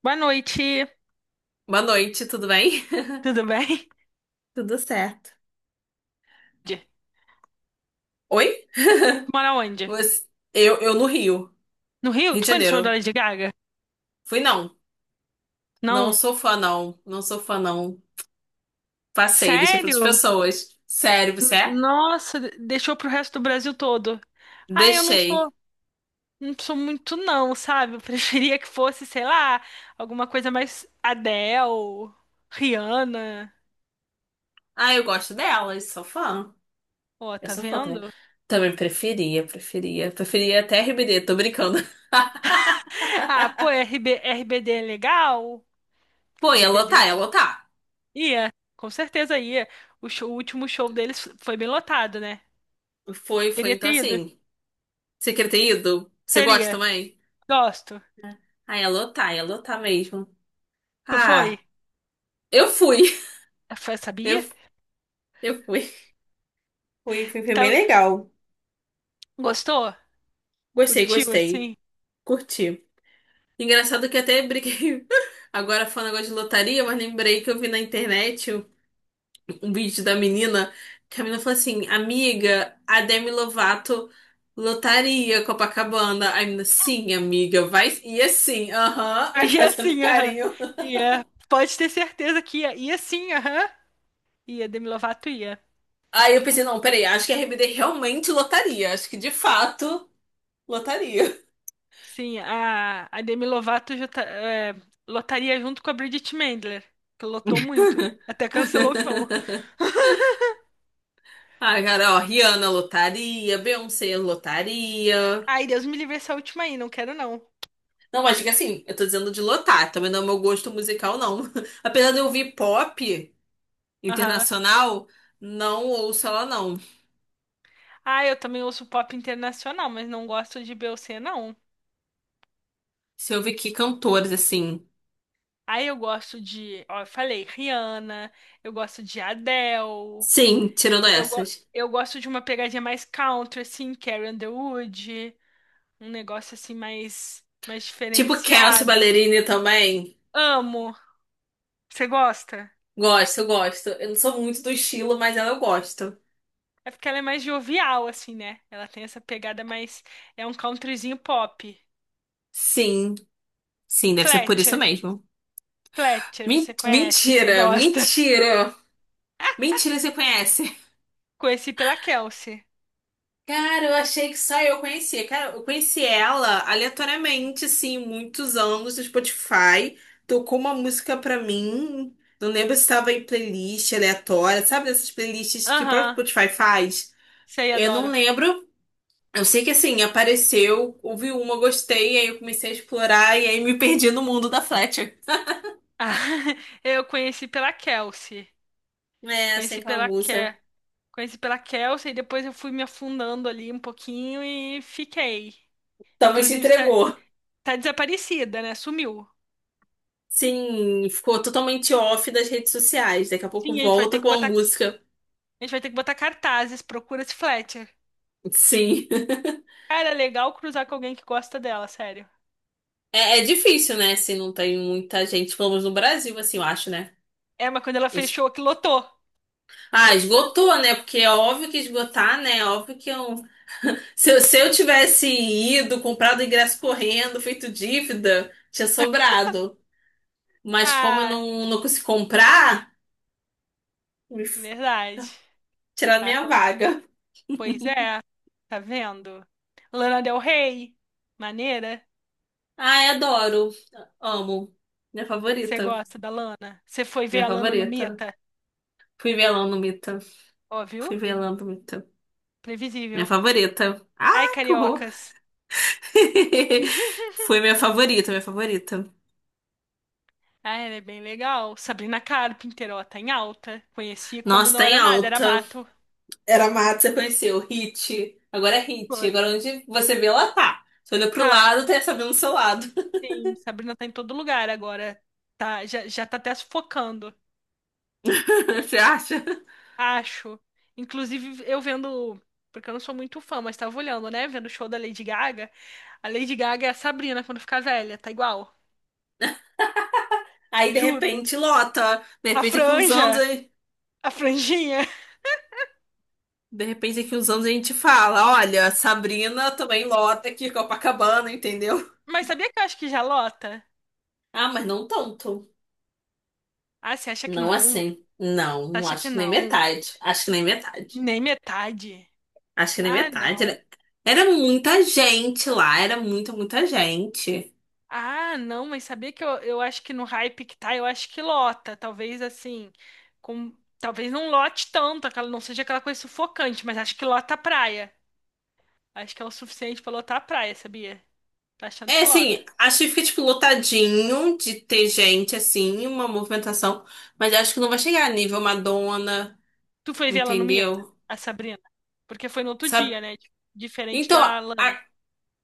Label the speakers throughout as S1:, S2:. S1: Boa noite,
S2: Boa noite, tudo bem?
S1: tudo bem?
S2: Tudo certo.
S1: Tu
S2: Oi?
S1: mora onde?
S2: Você- eu no Rio,
S1: No Rio?
S2: Rio de
S1: Tu foi no show da
S2: Janeiro.
S1: Lady Gaga?
S2: Fui não. Não
S1: Não.
S2: sou fã, não. Não sou fã, não. Passei, deixei para outras
S1: Sério?
S2: pessoas. Sério, você é?
S1: Nossa, deixou pro resto do Brasil todo. Ah, eu não sou,
S2: Deixei.
S1: não sou muito não, sabe? Eu preferia que fosse, sei lá, alguma coisa mais Adele, Rihanna.
S2: Ah, eu gosto delas, sou fã.
S1: Ó,
S2: Eu
S1: tá
S2: sou fã também.
S1: vendo?
S2: Também preferia. Preferia até Ribeirão, tô brincando.
S1: Ah, pô, RB, RBD é legal?
S2: Pô, ia
S1: RBD
S2: lotar, ia lotar.
S1: ia, com certeza ia. O o último show deles foi bem lotado, né?
S2: Foi, foi,
S1: Teria
S2: então
S1: ter ido.
S2: assim. Você queria ter ido? Você gosta
S1: Teria.
S2: também?
S1: Gosto.
S2: Ah, ia lotar mesmo.
S1: Tu foi?
S2: Ah. Eu fui.
S1: Ah, foi,
S2: Eu,
S1: sabia?
S2: eu fui. Fui, fui. Foi bem
S1: Tá-
S2: legal.
S1: Gostou?
S2: Gostei,
S1: Curtiu,
S2: gostei.
S1: assim?
S2: Curti. Engraçado que até briguei. Agora falando agora de lotaria, mas lembrei que eu vi na internet um vídeo da menina que a menina falou assim: Amiga, a Demi Lovato lotaria Copacabana. Aí a menina, sim, amiga, vai. E assim, aham, aí
S1: E
S2: fazendo
S1: assim, aham.
S2: carinho.
S1: Ia. Pode ter certeza que ia. Ia sim, aham. Ia, Demi Lovato ia.
S2: Aí eu pensei: Não, peraí, acho que a RBD realmente lotaria. Acho que de fato lotaria.
S1: Sim, a Demi Lovato é, lotaria junto com a Bridget Mendler, que lotou muito. Até cancelou o show.
S2: Ah, cara, ó, Rihanna lotaria, Beyoncé lotaria.
S1: Ai, Deus me livre essa última aí, não quero não.
S2: Não, mas diga assim, eu tô dizendo de lotar, também não é o meu gosto musical, não. Apesar de eu ouvir pop
S1: Aham.
S2: internacional, não ouço ela, não.
S1: Ah, eu também ouço pop internacional, mas não gosto de Beyoncé, não.
S2: Se eu ouvir que cantores, assim.
S1: Aí eu gosto de, ó, eu falei, Rihanna, eu gosto de Adele,
S2: Sim, tirando
S1: eu, go-
S2: essas.
S1: eu gosto de uma pegadinha mais country, assim, Carrie Underwood, um negócio assim mais
S2: Tipo Kelsea
S1: diferenciado.
S2: Ballerini também.
S1: Amo. Você gosta?
S2: Gosto. Eu não sou muito do estilo, mas ela eu gosto.
S1: É porque ela é mais jovial, assim, né? Ela tem essa pegada mais. É um countryzinho pop.
S2: Sim, sim, deve ser por isso
S1: Fletcher,
S2: mesmo.
S1: Fletcher, você conhece, você
S2: Mentira,
S1: gosta.
S2: mentira. Mentira, você conhece.
S1: Conheci pela Kelsey.
S2: Cara, eu achei que só eu conhecia. Cara, eu conheci ela aleatoriamente, assim, muitos anos no Spotify. Tocou uma música pra mim. Não lembro se estava em playlist aleatória, sabe? Dessas playlists que o próprio
S1: Aham,
S2: Spotify faz.
S1: sei,
S2: Eu não
S1: adoro.
S2: lembro. Eu sei que assim, apareceu, ouvi uma, gostei, aí eu comecei a explorar e aí me perdi no mundo da Fletcher.
S1: Ah, eu conheci pela Kelsey.
S2: É, eu sei
S1: Conheci
S2: aquela
S1: pela
S2: música.
S1: Ké. Conheci pela Kelsey e depois eu fui me afundando ali um pouquinho e fiquei.
S2: Talvez se
S1: Inclusive,
S2: entregou.
S1: tá desaparecida, né? Sumiu.
S2: Sim, ficou totalmente off das redes sociais. Daqui a pouco
S1: Sim,
S2: volta com a
S1: a
S2: música.
S1: gente vai ter que botar cartazes, procura-se Fletcher.
S2: Sim.
S1: Cara, é legal cruzar com alguém que gosta dela, sério.
S2: É, é difícil, né? Se não tem muita gente, pelo menos no Brasil, assim, eu acho, né?
S1: É, mas quando ela
S2: Es-
S1: fechou, que lotou.
S2: Ah, esgotou, né? Porque é óbvio que esgotar, né? É óbvio que eu... Se, se eu tivesse ido, comprado ingresso correndo, feito dívida, tinha sobrado. Mas como eu
S1: Ah,
S2: não, não consegui comprar, me f-
S1: verdade.
S2: tiraram minha
S1: Acon-
S2: vaga.
S1: Pois é, tá vendo? Lana Del Rey, maneira.
S2: Ai, adoro. Amo. Minha
S1: Você
S2: favorita.
S1: gosta da Lana? Você foi ver
S2: Minha
S1: a Lana no
S2: favorita.
S1: Mita?
S2: Fui velando, Mita.
S1: Ó, viu?
S2: Fui velando, Mita. Minha
S1: Previsível.
S2: favorita.
S1: Ai,
S2: Ai, que horror.
S1: cariocas.
S2: Foi minha favorita, minha favorita.
S1: Ah, ela é bem legal. Sabrina Carpenter, ó, tá em alta. Conheci quando
S2: Nossa,
S1: não
S2: tá em
S1: era nada, era
S2: alta.
S1: mato.
S2: Era mato, você conheceu. Hit. Agora é hit.
S1: Foi.
S2: Agora onde você vê, ela tá. Você olha pro
S1: Tá,
S2: lado, tem essa vendo do seu lado.
S1: sim. Sabrina tá em todo lugar agora. Tá, já tá até sufocando,
S2: Você acha?
S1: acho. Inclusive, eu vendo, porque eu não sou muito fã, mas tava olhando, né? Vendo o show da Lady Gaga. A Lady Gaga é a Sabrina quando ficar velha, tá igual.
S2: Aí, de
S1: Juro.
S2: repente, lota. De
S1: A
S2: repente, daqui uns anos,
S1: franja, a franjinha.
S2: de repente, daqui uns anos a gente fala: olha, Sabrina também lota aqui, Copacabana, entendeu?
S1: Mas sabia que eu acho que já lota?
S2: Ah, mas não tanto.
S1: Ah, você acha que
S2: Não
S1: não?
S2: assim. Não,
S1: Você
S2: não
S1: acha
S2: acho
S1: que
S2: que nem
S1: não?
S2: metade. Acho que nem metade.
S1: Nem metade.
S2: Acho que é nem
S1: Ah,
S2: metade.
S1: não.
S2: Era muita gente lá, era muita, muita gente.
S1: Ah, não, mas sabia que eu acho que no hype que tá, eu acho que lota. Talvez assim, com, talvez não lote tanto, aquela, não seja aquela coisa sufocante, mas acho que lota a praia. Acho que é o suficiente pra lotar a praia, sabia? Tá achando
S2: É,
S1: que lota.
S2: assim, acho que fica, tipo, lotadinho de ter gente, assim, uma movimentação. Mas acho que não vai chegar a nível Madonna,
S1: Tu foi ver ela no Mita,
S2: entendeu?
S1: a Sabrina? Porque foi no outro
S2: Sabe?
S1: dia, né? Diferente
S2: Então,
S1: da Lana.
S2: a-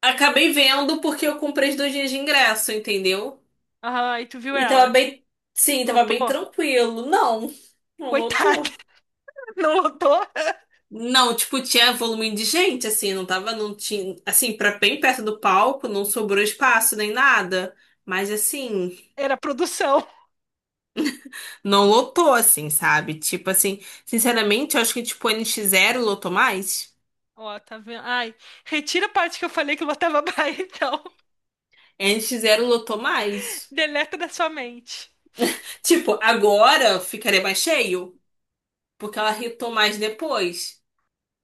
S2: acabei vendo porque eu comprei os dois dias de ingresso, entendeu?
S1: Aham, e tu viu
S2: E tava
S1: ela?
S2: bem... Sim, tava bem
S1: Lotou?
S2: tranquilo. Não, não
S1: Coitada,
S2: lotou.
S1: não lotou?
S2: Não, tipo, tinha volume de gente, assim, não tava, não tinha, assim, pra bem perto do palco, não sobrou espaço nem nada. Mas, assim,
S1: Era produção.
S2: não lotou, assim, sabe? Tipo, assim, sinceramente, eu acho que, tipo, o N nx zero lotou mais.
S1: Ó, tá vendo? Ai, retira a parte que eu falei que eu botava baia, então.
S2: N nx zero lotou mais.
S1: Deleta da sua mente.
S2: Tipo, agora ficaria mais cheio, porque ela hitou mais depois.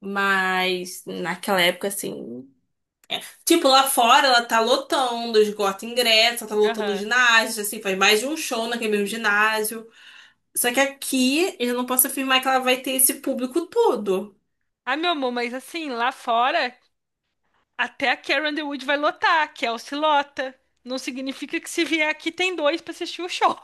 S2: Mas, naquela época, assim. Tipo, lá fora ela tá lotando, esgota ingresso, ela tá lotando o
S1: Aham.
S2: ginásio, assim, faz mais de um show naquele mesmo ginásio. Só que aqui eu não posso afirmar que ela vai ter esse público todo.
S1: Ah meu amor, mas assim, lá fora, até a Carrie Underwood vai lotar, a Kelsey lota. Não significa que se vier aqui tem dois pra assistir o show.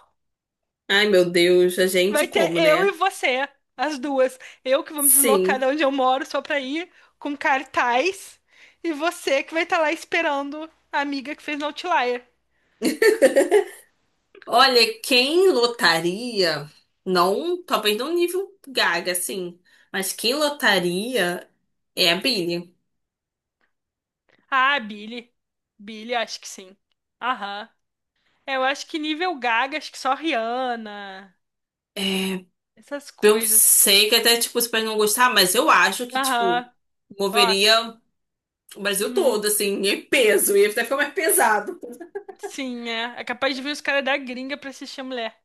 S2: Ai, meu Deus, a gente
S1: Vai ter
S2: como,
S1: eu e
S2: né?
S1: você, as duas. Eu que vou me deslocar de
S2: Sim.
S1: onde eu moro só pra ir, com cartaz. E você que vai estar lá esperando a amiga que fez no Outlier.
S2: Olha, quem lotaria, não, talvez não nível Gaga, assim, mas quem lotaria é a Billie.
S1: Ah, Billy. Billy, acho que sim. Aham. É, eu acho que nível Gaga, acho que só Rihanna, essas
S2: Eu
S1: coisas.
S2: sei que até, tipo, você pode não gostar, mas eu acho que, tipo,
S1: Aham, nota.
S2: moveria o Brasil
S1: Uhum.
S2: todo, assim, em peso, ia até ficar mais pesado.
S1: Sim, é. É capaz de vir os caras da gringa pra assistir a mulher.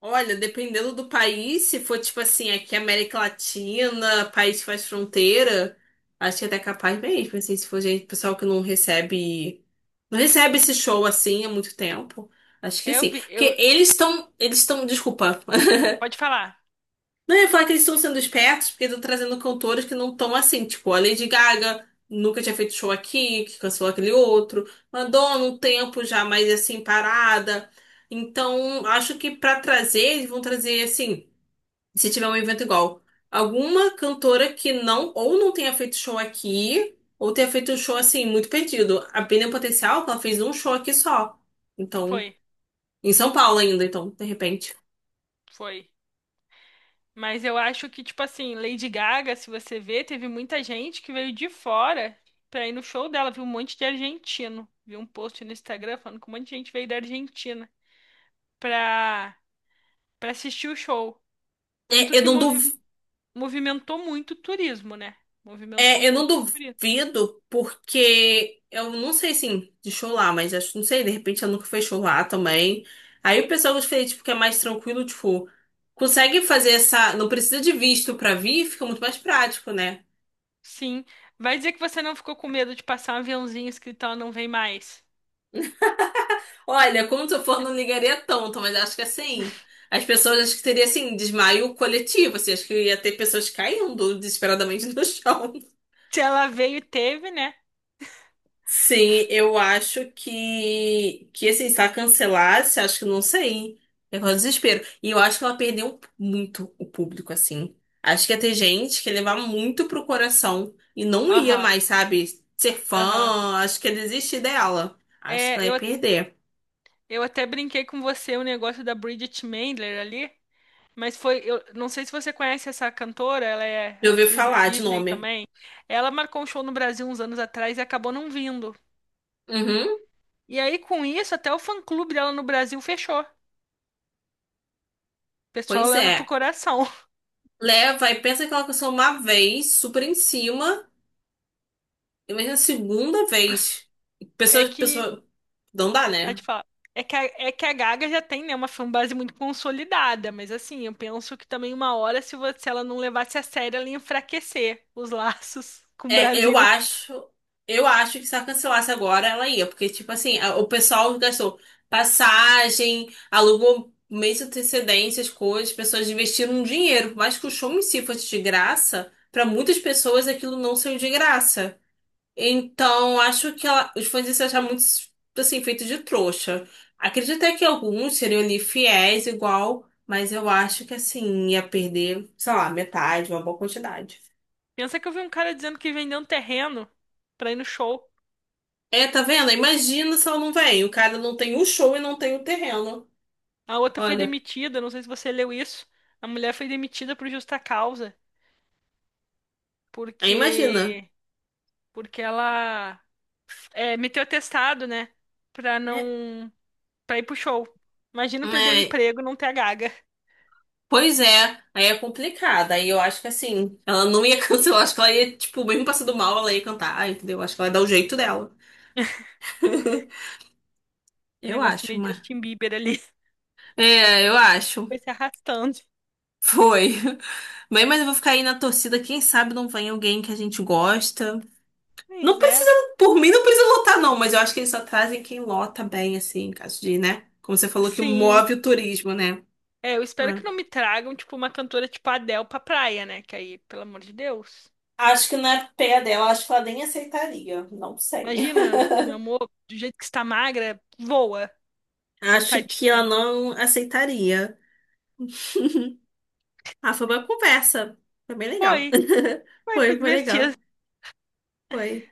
S2: Olha, dependendo do país, se for tipo assim, aqui América Latina, país que faz fronteira, acho que até é capaz mesmo, assim, se for gente, pessoal que não recebe, não recebe esse show assim há muito tempo, acho que
S1: Eu
S2: sim.
S1: vi, eu...
S2: Porque eles estão, desculpa,
S1: Pode falar.
S2: não eu ia falar que eles estão sendo espertos, porque estão trazendo cantores que não estão assim, tipo a Lady Gaga, nunca tinha feito show aqui, que cancelou aquele outro, Madonna um tempo já mais assim parada, então acho que pra trazer, eles vão trazer assim se tiver um evento igual. Alguma cantora que não, ou não tenha feito show aqui, ou tenha feito um show assim, muito perdido. A Pina Potencial, que ela fez um show aqui só. Então,
S1: Foi,
S2: em São Paulo ainda, então, de repente.
S1: foi. Mas eu acho que, tipo assim, Lady Gaga, se você ver, teve muita gente que veio de fora pra ir no show dela. Viu um monte de argentino. Vi um post no Instagram falando que um monte de gente veio da Argentina pra, pra assistir o show. Tanto
S2: É, eu
S1: que
S2: não duv...
S1: movimentou muito o turismo, né? Movimentou
S2: é, eu não
S1: muito o turismo.
S2: duvido, porque eu não sei, assim, de show lá, mas acho, não sei, de repente ela nunca fez show lá também. Aí o pessoal gostei, tipo, que é mais tranquilo, tipo, consegue fazer essa. Não precisa de visto pra vir, fica muito mais prático, né?
S1: Sim. Vai dizer que você não ficou com medo de passar um aviãozinho escrito ela não vem mais.
S2: Olha, como se eu for, não ligaria tanto, mas acho que assim, as pessoas, acho que teria assim, desmaio coletivo, assim, acho que ia ter pessoas caindo desesperadamente no chão.
S1: Se ela veio, teve, né?
S2: Sim, eu acho que assim, se ela cancelasse, acho que não sei. É um desespero. E eu acho que ela perdeu muito o público, assim. Acho que ia ter gente que ia levar muito pro coração e não ia
S1: Aham,
S2: mais, sabe, ser
S1: aham.
S2: fã, acho que ia desistir dela. Acho que
S1: É,
S2: ela
S1: eu,
S2: ia perder.
S1: eu até brinquei com você o negócio da Bridget Mendler ali, mas foi, eu não sei se você conhece essa cantora, ela é
S2: Já ouvi
S1: atriz da
S2: falar de
S1: Disney
S2: nome.
S1: também. Ela marcou um show no Brasil uns anos atrás e acabou não vindo.
S2: Uhum.
S1: E aí, com isso, até o fã-clube dela no Brasil fechou. O pessoal
S2: Pois
S1: leva pro
S2: é.
S1: coração.
S2: Leva e pensa que ela aconteceu uma vez, super em cima, e imagina na segunda vez.
S1: É
S2: Pessoas,
S1: que
S2: pessoas, não dá,
S1: Aí,
S2: né?
S1: tipo, ó, é que a Gaga já tem, né, uma fanbase muito consolidada, mas assim, eu penso que também uma hora, se ela não levasse a sério, ela ia enfraquecer os laços com o
S2: É, eu
S1: Brasil.
S2: acho, eu acho que se ela cancelasse agora, ela ia, porque, tipo assim, o pessoal gastou passagem, alugou mês de antecedência, as coisas, as pessoas investiram dinheiro, por mais que o show em si fosse de graça, pra muitas pessoas aquilo não saiu de graça. Então, os fãs iam se achar muito, assim, feito de trouxa. Acredito até que alguns seriam ali fiéis, igual, mas eu acho que, assim, ia perder, sei lá, metade, uma boa quantidade.
S1: Pensa que eu vi um cara dizendo que vendeu um terreno pra ir no show.
S2: É, tá vendo? Imagina se ela não vem. O cara não tem o show e não tem o terreno.
S1: A outra foi
S2: Olha,
S1: demitida, não sei se você leu isso. A mulher foi demitida por justa causa,
S2: aí imagina.
S1: porque ela é, meteu atestado, né, pra
S2: É,
S1: não para ir pro show. Imagina perder o
S2: é,
S1: emprego e não ter a Gaga.
S2: pois é, aí é complicado. Aí eu acho que, assim, ela não ia cancelar. Acho que ela ia, tipo, mesmo passando mal, ela ia cantar, entendeu? Acho que ela ia dar o jeito dela.
S1: Um
S2: Eu
S1: negócio
S2: acho,
S1: meio Justin Bieber ali.
S2: É, eu acho.
S1: Foi se arrastando.
S2: Foi. Bem, mas eu vou ficar aí na torcida. Quem sabe não vem alguém que a gente gosta. Não
S1: Pois é.
S2: precisa, por mim, não precisa lotar, não. Mas eu acho que eles só trazem quem lota bem, assim, em caso de, né? Como você falou que
S1: Sim.
S2: move o turismo, né?
S1: É, eu espero
S2: É.
S1: que não me tragam, tipo, uma cantora tipo a Adele pra praia, né? Que aí, pelo amor de Deus.
S2: Acho que não é pé dela, acho que ela nem aceitaria. Não sei.
S1: Imagina, meu amor, do jeito que está magra, voa,
S2: Acho que ela
S1: tadinha.
S2: não aceitaria. Ah, foi uma conversa. Foi bem legal.
S1: Foi. Foi, foi
S2: Foi, foi
S1: divertido.
S2: legal. Foi.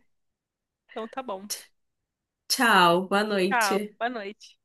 S1: Então tá bom.
S2: Tchau, boa
S1: Tchau.
S2: noite.
S1: Boa noite.